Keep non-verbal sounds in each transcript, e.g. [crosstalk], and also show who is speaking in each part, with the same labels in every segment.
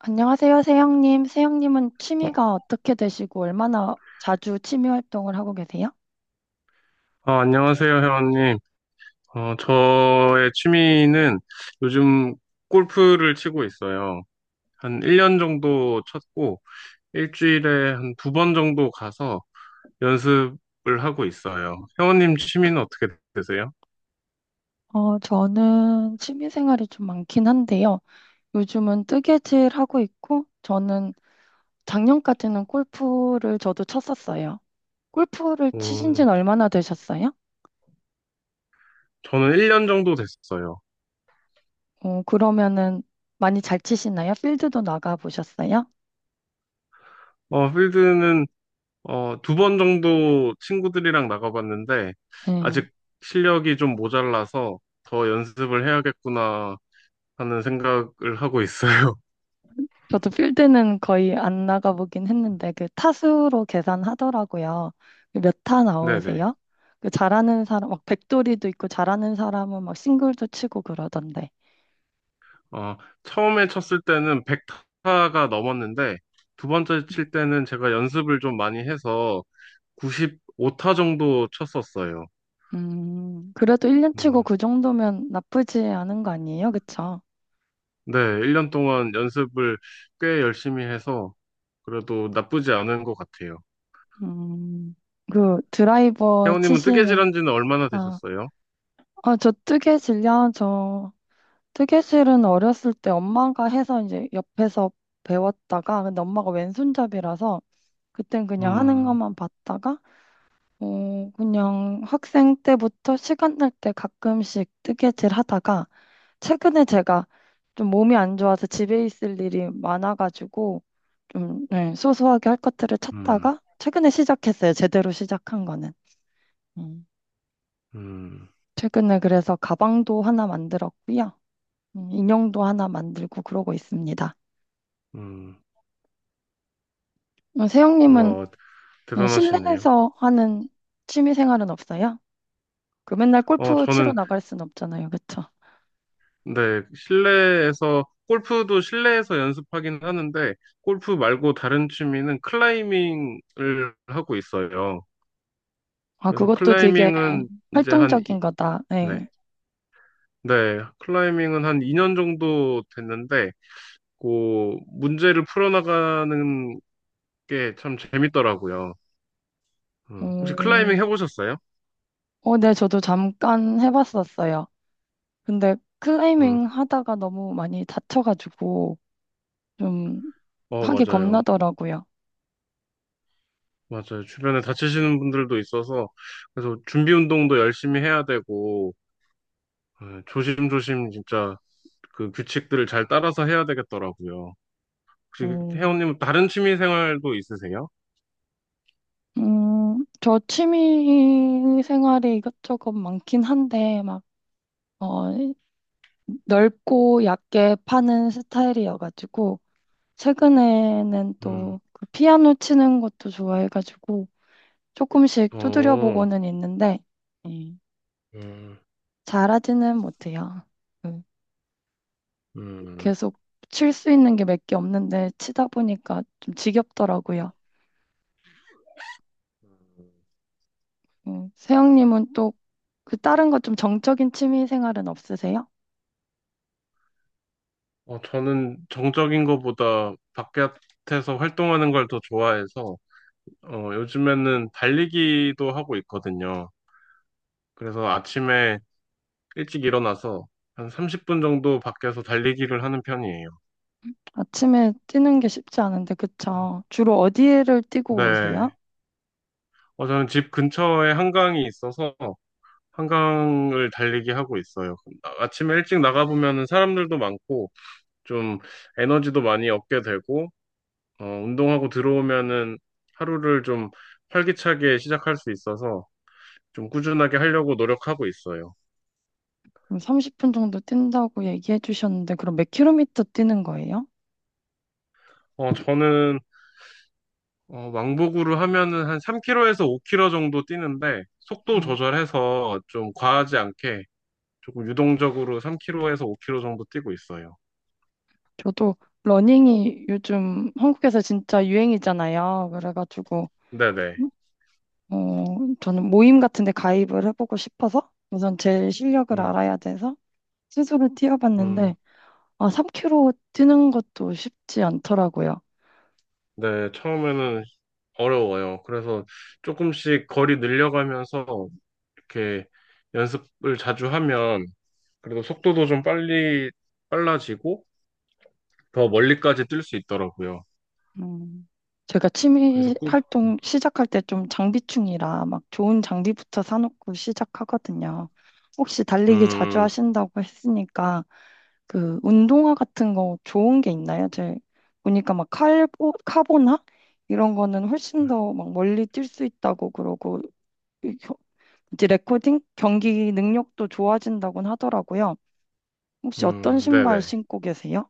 Speaker 1: 안녕하세요, 세영님. 세영님은
Speaker 2: 어,
Speaker 1: 취미가 어떻게 되시고 얼마나 자주 취미 활동을 하고 계세요?
Speaker 2: 안녕하세요, 회원님. 저의 취미는 요즘 골프를 치고 있어요. 한 1년 정도 쳤고, 일주일에 한 두 번 정도 가서 연습을 하고 있어요. 회원님 취미는 어떻게 되세요?
Speaker 1: 저는 취미 생활이 좀 많긴 한데요. 요즘은 뜨개질 하고 있고, 저는 작년까지는 골프를 저도 쳤었어요. 골프를 치신
Speaker 2: 음,
Speaker 1: 지는 얼마나 되셨어요?
Speaker 2: 저는 1년 정도 됐어요.
Speaker 1: 그러면은 많이 잘 치시나요? 필드도 나가 보셨어요?
Speaker 2: 필드는 두 번 정도 친구들이랑 나가봤는데, 아직 실력이 좀 모자라서 더 연습을 해야겠구나 하는 생각을 하고 있어요. [laughs]
Speaker 1: 저도 필드는 거의 안 나가보긴 했는데 그 타수로 계산하더라고요. 그 몇 타
Speaker 2: 네네.
Speaker 1: 나오세요? 그 잘하는 사람 막 백돌이도 있고 잘하는 사람은 막 싱글도 치고 그러던데.
Speaker 2: 어, 처음에 쳤을 때는 100타가 넘었는데, 두 번째
Speaker 1: 네.
Speaker 2: 칠 때는 제가 연습을 좀 많이 해서 95타 정도 쳤었어요.
Speaker 1: 그래도 1년 치고
Speaker 2: 음,
Speaker 1: 그 정도면 나쁘지 않은 거 아니에요? 그쵸?
Speaker 2: 네, 1년 동안 연습을 꽤 열심히 해서 그래도 나쁘지 않은 것 같아요.
Speaker 1: 음, 그 드라이버
Speaker 2: 혜원님은
Speaker 1: 치시면,
Speaker 2: 뜨개질한 지는 얼마나
Speaker 1: 아,
Speaker 2: 되셨어요?
Speaker 1: 저 뜨개질이요, 저 뜨개질은 어렸을 때 엄마가 해서 이제 옆에서 배웠다가, 근데 엄마가 왼손잡이라서 그땐 그냥 하는
Speaker 2: 음,
Speaker 1: 것만 봤다가, 그냥 학생 때부터 시간 날 때 가끔씩 뜨개질 하다가, 최근에 제가 좀 몸이 안 좋아서 집에 있을 일이 많아가지고, 좀, 네, 소소하게 할 것들을
Speaker 2: 음,
Speaker 1: 찾다가, 최근에 시작했어요. 제대로 시작한 거는. 음.
Speaker 2: 음,
Speaker 1: 최근에 그래서 가방도 하나 만들었고요. 인형도 하나 만들고 그러고 있습니다.
Speaker 2: 음.
Speaker 1: 어, 세영님은
Speaker 2: 와,
Speaker 1: 네,
Speaker 2: 대단하시네요.
Speaker 1: 실내에서 하는 취미 생활은 없어요? 그 맨날 골프 치러
Speaker 2: 저는
Speaker 1: 나갈 순 없잖아요, 그쵸?
Speaker 2: 네, 실내에서, 골프도 실내에서 연습하긴 하는데, 골프 말고 다른 취미는 클라이밍을 하고 있어요.
Speaker 1: 아,
Speaker 2: 그래서
Speaker 1: 그것도 되게
Speaker 2: 클라이밍은 이제 한, 이,
Speaker 1: 활동적인 거다. 네.
Speaker 2: 네, 네, 클라이밍은 한 2년 정도 됐는데, 문제를 풀어나가는 게 참 재밌더라고요. 혹시 클라이밍
Speaker 1: 음,
Speaker 2: 해보셨어요?
Speaker 1: 네, 저도 잠깐 해봤었어요. 근데
Speaker 2: 음,
Speaker 1: 클라이밍 하다가 너무 많이 다쳐가지고 좀 하기
Speaker 2: 맞아요.
Speaker 1: 겁나더라고요.
Speaker 2: 맞아요. 주변에 다치시는 분들도 있어서, 그래서 준비 운동도 열심히 해야 되고, 조심조심 진짜 그 규칙들을 잘 따라서 해야 되겠더라고요. 혹시
Speaker 1: 음,
Speaker 2: 혜원님 다른 취미 생활도 있으세요?
Speaker 1: 저 취미 생활이 이것저것 많긴 한데 막, 어, 넓고 얕게 파는 스타일이어가지고 최근에는
Speaker 2: 음,
Speaker 1: 또 그 피아노 치는 것도 좋아해가지고 조금씩 두드려
Speaker 2: 어,
Speaker 1: 보고는 있는데 음.
Speaker 2: 음,
Speaker 1: 잘하지는 못해요. 음,
Speaker 2: 음.
Speaker 1: 계속 칠 수 있는 게 몇 개 없는데 치다 보니까 좀 지겹더라고요. 세영님은 또 그 다른 거 좀 정적인 취미 생활은 없으세요?
Speaker 2: 저는 정적인 것보다 바깥에서 활동하는 걸 더 좋아해서 요즘에는 달리기도 하고 있거든요. 그래서 아침에 일찍 일어나서 한 30분 정도 밖에서 달리기를 하는 편이에요.
Speaker 1: 아침에 뛰는 게 쉽지 않은데 그쵸? 주로 어디를 뛰고 오세요?
Speaker 2: 네. 저는 집 근처에 한강이 있어서 한강을 달리기 하고 있어요. 아침에 일찍 나가보면 사람들도 많고, 좀 에너지도 많이 얻게 되고, 운동하고 들어오면은 하루를 좀 활기차게 시작할 수 있어서 좀 꾸준하게 하려고 노력하고 있어요.
Speaker 1: 그럼 30분 정도 뛴다고 얘기해 주셨는데 그럼 몇 킬로미터 뛰는 거예요?
Speaker 2: 저는 왕복으로 하면은 한 3km에서 5km 정도 뛰는데, 속도
Speaker 1: 네.
Speaker 2: 조절해서 좀 과하지 않게 조금 유동적으로 3km에서 5km 정도 뛰고 있어요.
Speaker 1: 저도 러닝이 요즘 한국에서 진짜 유행이잖아요. 그래가지고
Speaker 2: 네네.
Speaker 1: 어, 저는 모임 같은 데 가입을 해보고 싶어서 우선 제 실력을
Speaker 2: 음,
Speaker 1: 알아야 돼서 스스로 뛰어봤는데
Speaker 2: 음.
Speaker 1: 아, 3km 뛰는 것도 쉽지 않더라고요.
Speaker 2: 네, 처음에는 어려워요. 그래서 조금씩 거리 늘려가면서 이렇게 연습을 자주 하면 그래도 속도도 좀 빨리 빨라지고 더 멀리까지 뛸 수 있더라고요.
Speaker 1: 음, 제가
Speaker 2: 그래서
Speaker 1: 취미
Speaker 2: 꾸,
Speaker 1: 활동 시작할 때 좀 장비충이라 막 좋은 장비부터 사놓고 시작하거든요. 혹시 달리기 자주
Speaker 2: 음,
Speaker 1: 하신다고 했으니까 그 운동화 같은 거 좋은 게 있나요? 제 보니까 막 칼보, 카보나 이런 거는 훨씬 더 막 멀리 뛸 수 있다고 그러고 이제 레코딩 경기 능력도 좋아진다곤 하더라고요. 혹시 어떤 신발
Speaker 2: 네네.
Speaker 1: 신고 계세요?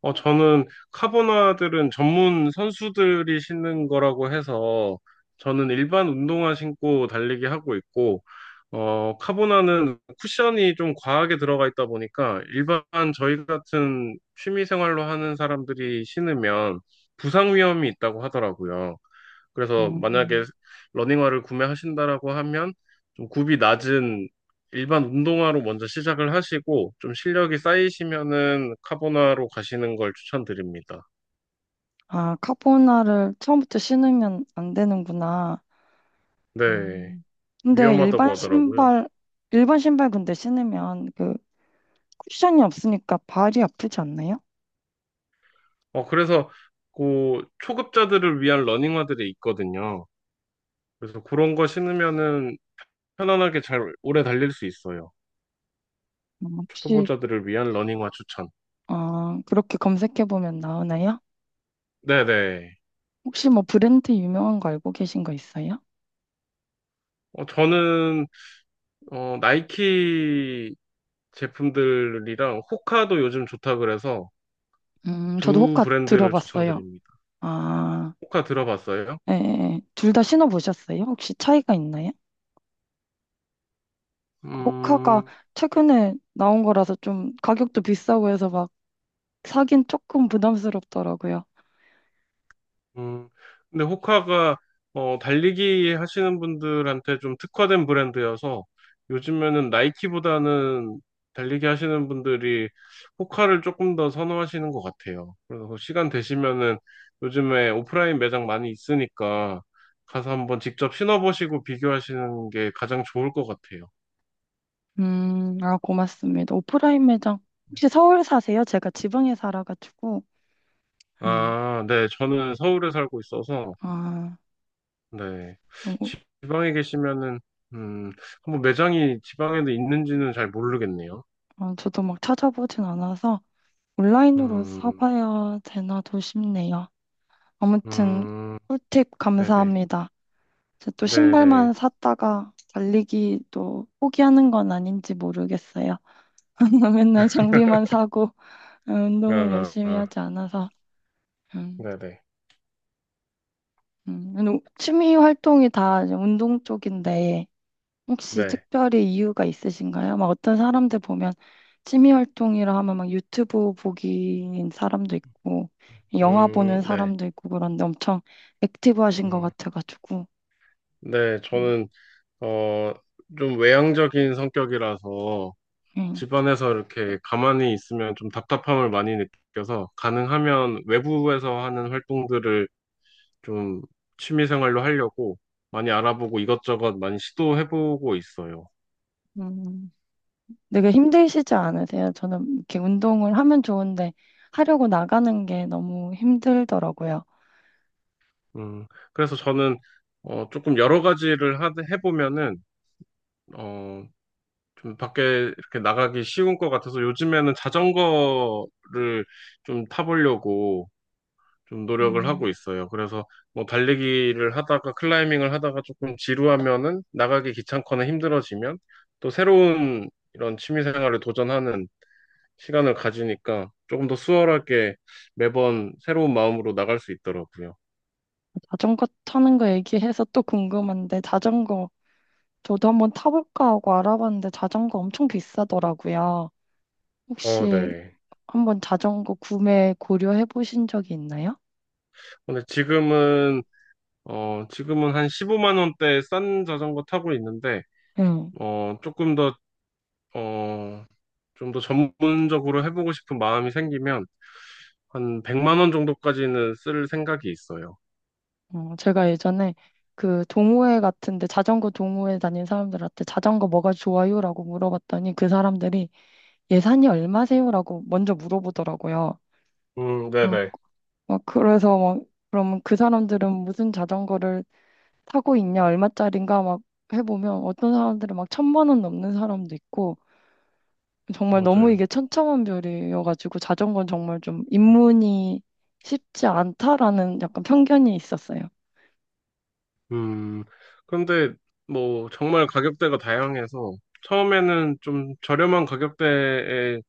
Speaker 2: 저는 카보나들은 전문 선수들이 신는 거라고 해서 저는 일반 운동화 신고 달리기 하고 있고, 카보나는 쿠션이 좀 과하게 들어가 있다 보니까 일반 저희 같은 취미 생활로 하는 사람들이 신으면 부상 위험이 있다고 하더라고요. 그래서 만약에
Speaker 1: 음.
Speaker 2: 러닝화를 구매하신다라고 하면 좀 굽이 낮은 일반 운동화로 먼저 시작을 하시고 좀 실력이 쌓이시면은 카보나로 가시는 걸 추천드립니다.
Speaker 1: 아, 카보나를 처음부터 신으면 안 되는구나.
Speaker 2: 네,
Speaker 1: 음. 근데
Speaker 2: 위험하다고
Speaker 1: 일반
Speaker 2: 하더라고요.
Speaker 1: 신발, 일반 신발 근데 신으면 그 쿠션이 없으니까 발이 아프지 않나요?
Speaker 2: 그래서 그 초급자들을 위한 러닝화들이 있거든요. 그래서 그런 거 신으면은 편안하게 잘 오래 달릴 수 있어요.
Speaker 1: 혹시
Speaker 2: 초보자들을 위한 러닝화 추천.
Speaker 1: 아, 그렇게 검색해보면 나오나요?
Speaker 2: 네네.
Speaker 1: 혹시 뭐 브랜드 유명한 거 알고 계신 거 있어요?
Speaker 2: 저는 나이키 제품들이랑 호카도 요즘 좋다 그래서
Speaker 1: 저도
Speaker 2: 두
Speaker 1: 호카
Speaker 2: 브랜드를
Speaker 1: 들어봤어요.
Speaker 2: 추천드립니다.
Speaker 1: 아,
Speaker 2: 호카 들어봤어요?
Speaker 1: 예, 예. 예. 둘 다 신어보셨어요? 혹시 차이가 있나요? 호카가
Speaker 2: 음,
Speaker 1: 최근에 나온 거라서 좀 가격도 비싸고 해서 막 사긴 조금 부담스럽더라고요.
Speaker 2: 음. 근데 호카가 달리기 하시는 분들한테 좀 특화된 브랜드여서 요즘에는 나이키보다는 달리기 하시는 분들이 호카를 조금 더 선호하시는 것 같아요. 그래서 시간 되시면은 요즘에 오프라인 매장 많이 있으니까 가서 한번 직접 신어보시고 비교하시는 게 가장 좋을 것 같아요.
Speaker 1: 아, 고맙습니다. 오프라인 매장. 혹시 서울 사세요? 제가 지방에 살아가지고. 음,
Speaker 2: 아, 네. 저는 서울에 살고 있어서,
Speaker 1: 아,
Speaker 2: 네.
Speaker 1: 너무-
Speaker 2: 지방에 계시면은, 음, 한번 매장이 지방에도 있는지는 잘 모르겠네요.
Speaker 1: 아, 저도 막 찾아보진 않아서. 온라인으로
Speaker 2: 음,
Speaker 1: 사봐야 되나도 싶네요. 아무튼
Speaker 2: 음,
Speaker 1: 꿀팁
Speaker 2: 네네.
Speaker 1: 감사합니다. 제또 신발만
Speaker 2: 네네.
Speaker 1: 샀다가 달리기도 포기하는 건 아닌지 모르겠어요. [laughs] 맨날 장비만 사고
Speaker 2: 어,
Speaker 1: 운동을
Speaker 2: 어,
Speaker 1: 열심히
Speaker 2: 어,
Speaker 1: 하지 않아서 음,
Speaker 2: 네네.
Speaker 1: 운동- 취미 활동이 다 이제 운동 쪽인데 혹시
Speaker 2: 네.
Speaker 1: 특별히 이유가 있으신가요? 막 어떤 사람들 보면 취미 활동이라 하면 막 유튜브 보기인 사람도 있고 영화 보는
Speaker 2: 네.
Speaker 1: 사람도 있고 그런데 엄청 액티브하신 것
Speaker 2: 음,
Speaker 1: 같아가지고
Speaker 2: 네.
Speaker 1: 음,
Speaker 2: 저는, 어, 좀 외향적인 성격이라서,
Speaker 1: 음.
Speaker 2: 집안에서 이렇게 가만히 있으면 좀 답답함을 많이 느껴서, 가능하면 외부에서 하는 활동들을 좀 취미 생활로 하려고 많이 알아보고 이것저것 많이 시도해보고 있어요.
Speaker 1: 음, 되게 힘드시지 않으세요? 저는 이렇게 운동을 하면 좋은데 하려고 나가는 게 너무 힘들더라고요.
Speaker 2: 음, 그래서 저는 조금 여러 가지를 해보면은 어, 좀 밖에 이렇게 나가기 쉬운 것 같아서 요즘에는 자전거를 좀 타보려고 좀 노력을 하고
Speaker 1: 음.
Speaker 2: 있어요. 그래서 뭐 달리기를 하다가 클라이밍을 하다가 조금 지루하면은 나가기 귀찮거나 힘들어지면 또 새로운 이런 취미 생활을 도전하는 시간을 가지니까 조금 더 수월하게 매번 새로운 마음으로 나갈 수 있더라고요.
Speaker 1: 자전거 타는 거 얘기해서 또 궁금한데 자전거 저도 한번 타볼까 하고 알아봤는데 자전거 엄청 비싸더라고요.
Speaker 2: 어,
Speaker 1: 혹시
Speaker 2: 네.
Speaker 1: 한번 자전거 구매 고려해 보신 적이 있나요?
Speaker 2: 근데 지금은 한 15만 원대 싼 자전거 타고 있는데,
Speaker 1: 응.
Speaker 2: 어, 조금 더, 어, 좀 더 전문적으로 해보고 싶은 마음이 생기면 한 100만 원 정도까지는 쓸 생각이 있어요.
Speaker 1: 제가 예전에 그 동호회 같은데 자전거 동호회 다닌 사람들한테 자전거 뭐가 좋아요라고 물어봤더니 그 사람들이 예산이 얼마세요라고 먼저 물어보더라고요. 어,
Speaker 2: 네네.
Speaker 1: 막 그래서 막 그러면 그 사람들은 무슨 자전거를 타고 있냐 얼마짜린가 막 해보면 어떤 사람들은 막 1,000만 원 넘는 사람도 있고 정말 너무
Speaker 2: 맞아요.
Speaker 1: 이게 천차만별이어가지고 자전거는 정말 좀 입문이 쉽지 않다라는 약간 편견이 있었어요.
Speaker 2: 음, 근데 뭐 정말 가격대가 다양해서 처음에는 좀 저렴한 가격대에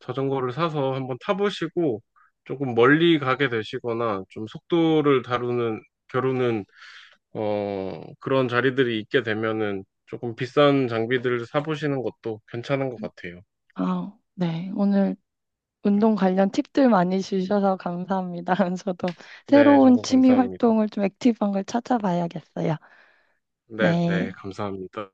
Speaker 2: 자전거를 사서 한번 타보시고 조금 멀리 가게 되시거나 좀 속도를 다루는 겨루는 그런 자리들이 있게 되면은 조금 비싼 장비들을 사보시는 것도 괜찮은 것 같아요.
Speaker 1: 아, 네. 오늘 운동 관련 팁들 많이 주셔서 감사합니다. [laughs] 저도
Speaker 2: 네,
Speaker 1: 새로운
Speaker 2: 저도
Speaker 1: 취미
Speaker 2: 감사합니다.
Speaker 1: 활동을 좀 액티브한 걸 찾아봐야겠어요.
Speaker 2: 네, 네,
Speaker 1: 네.
Speaker 2: 감사합니다.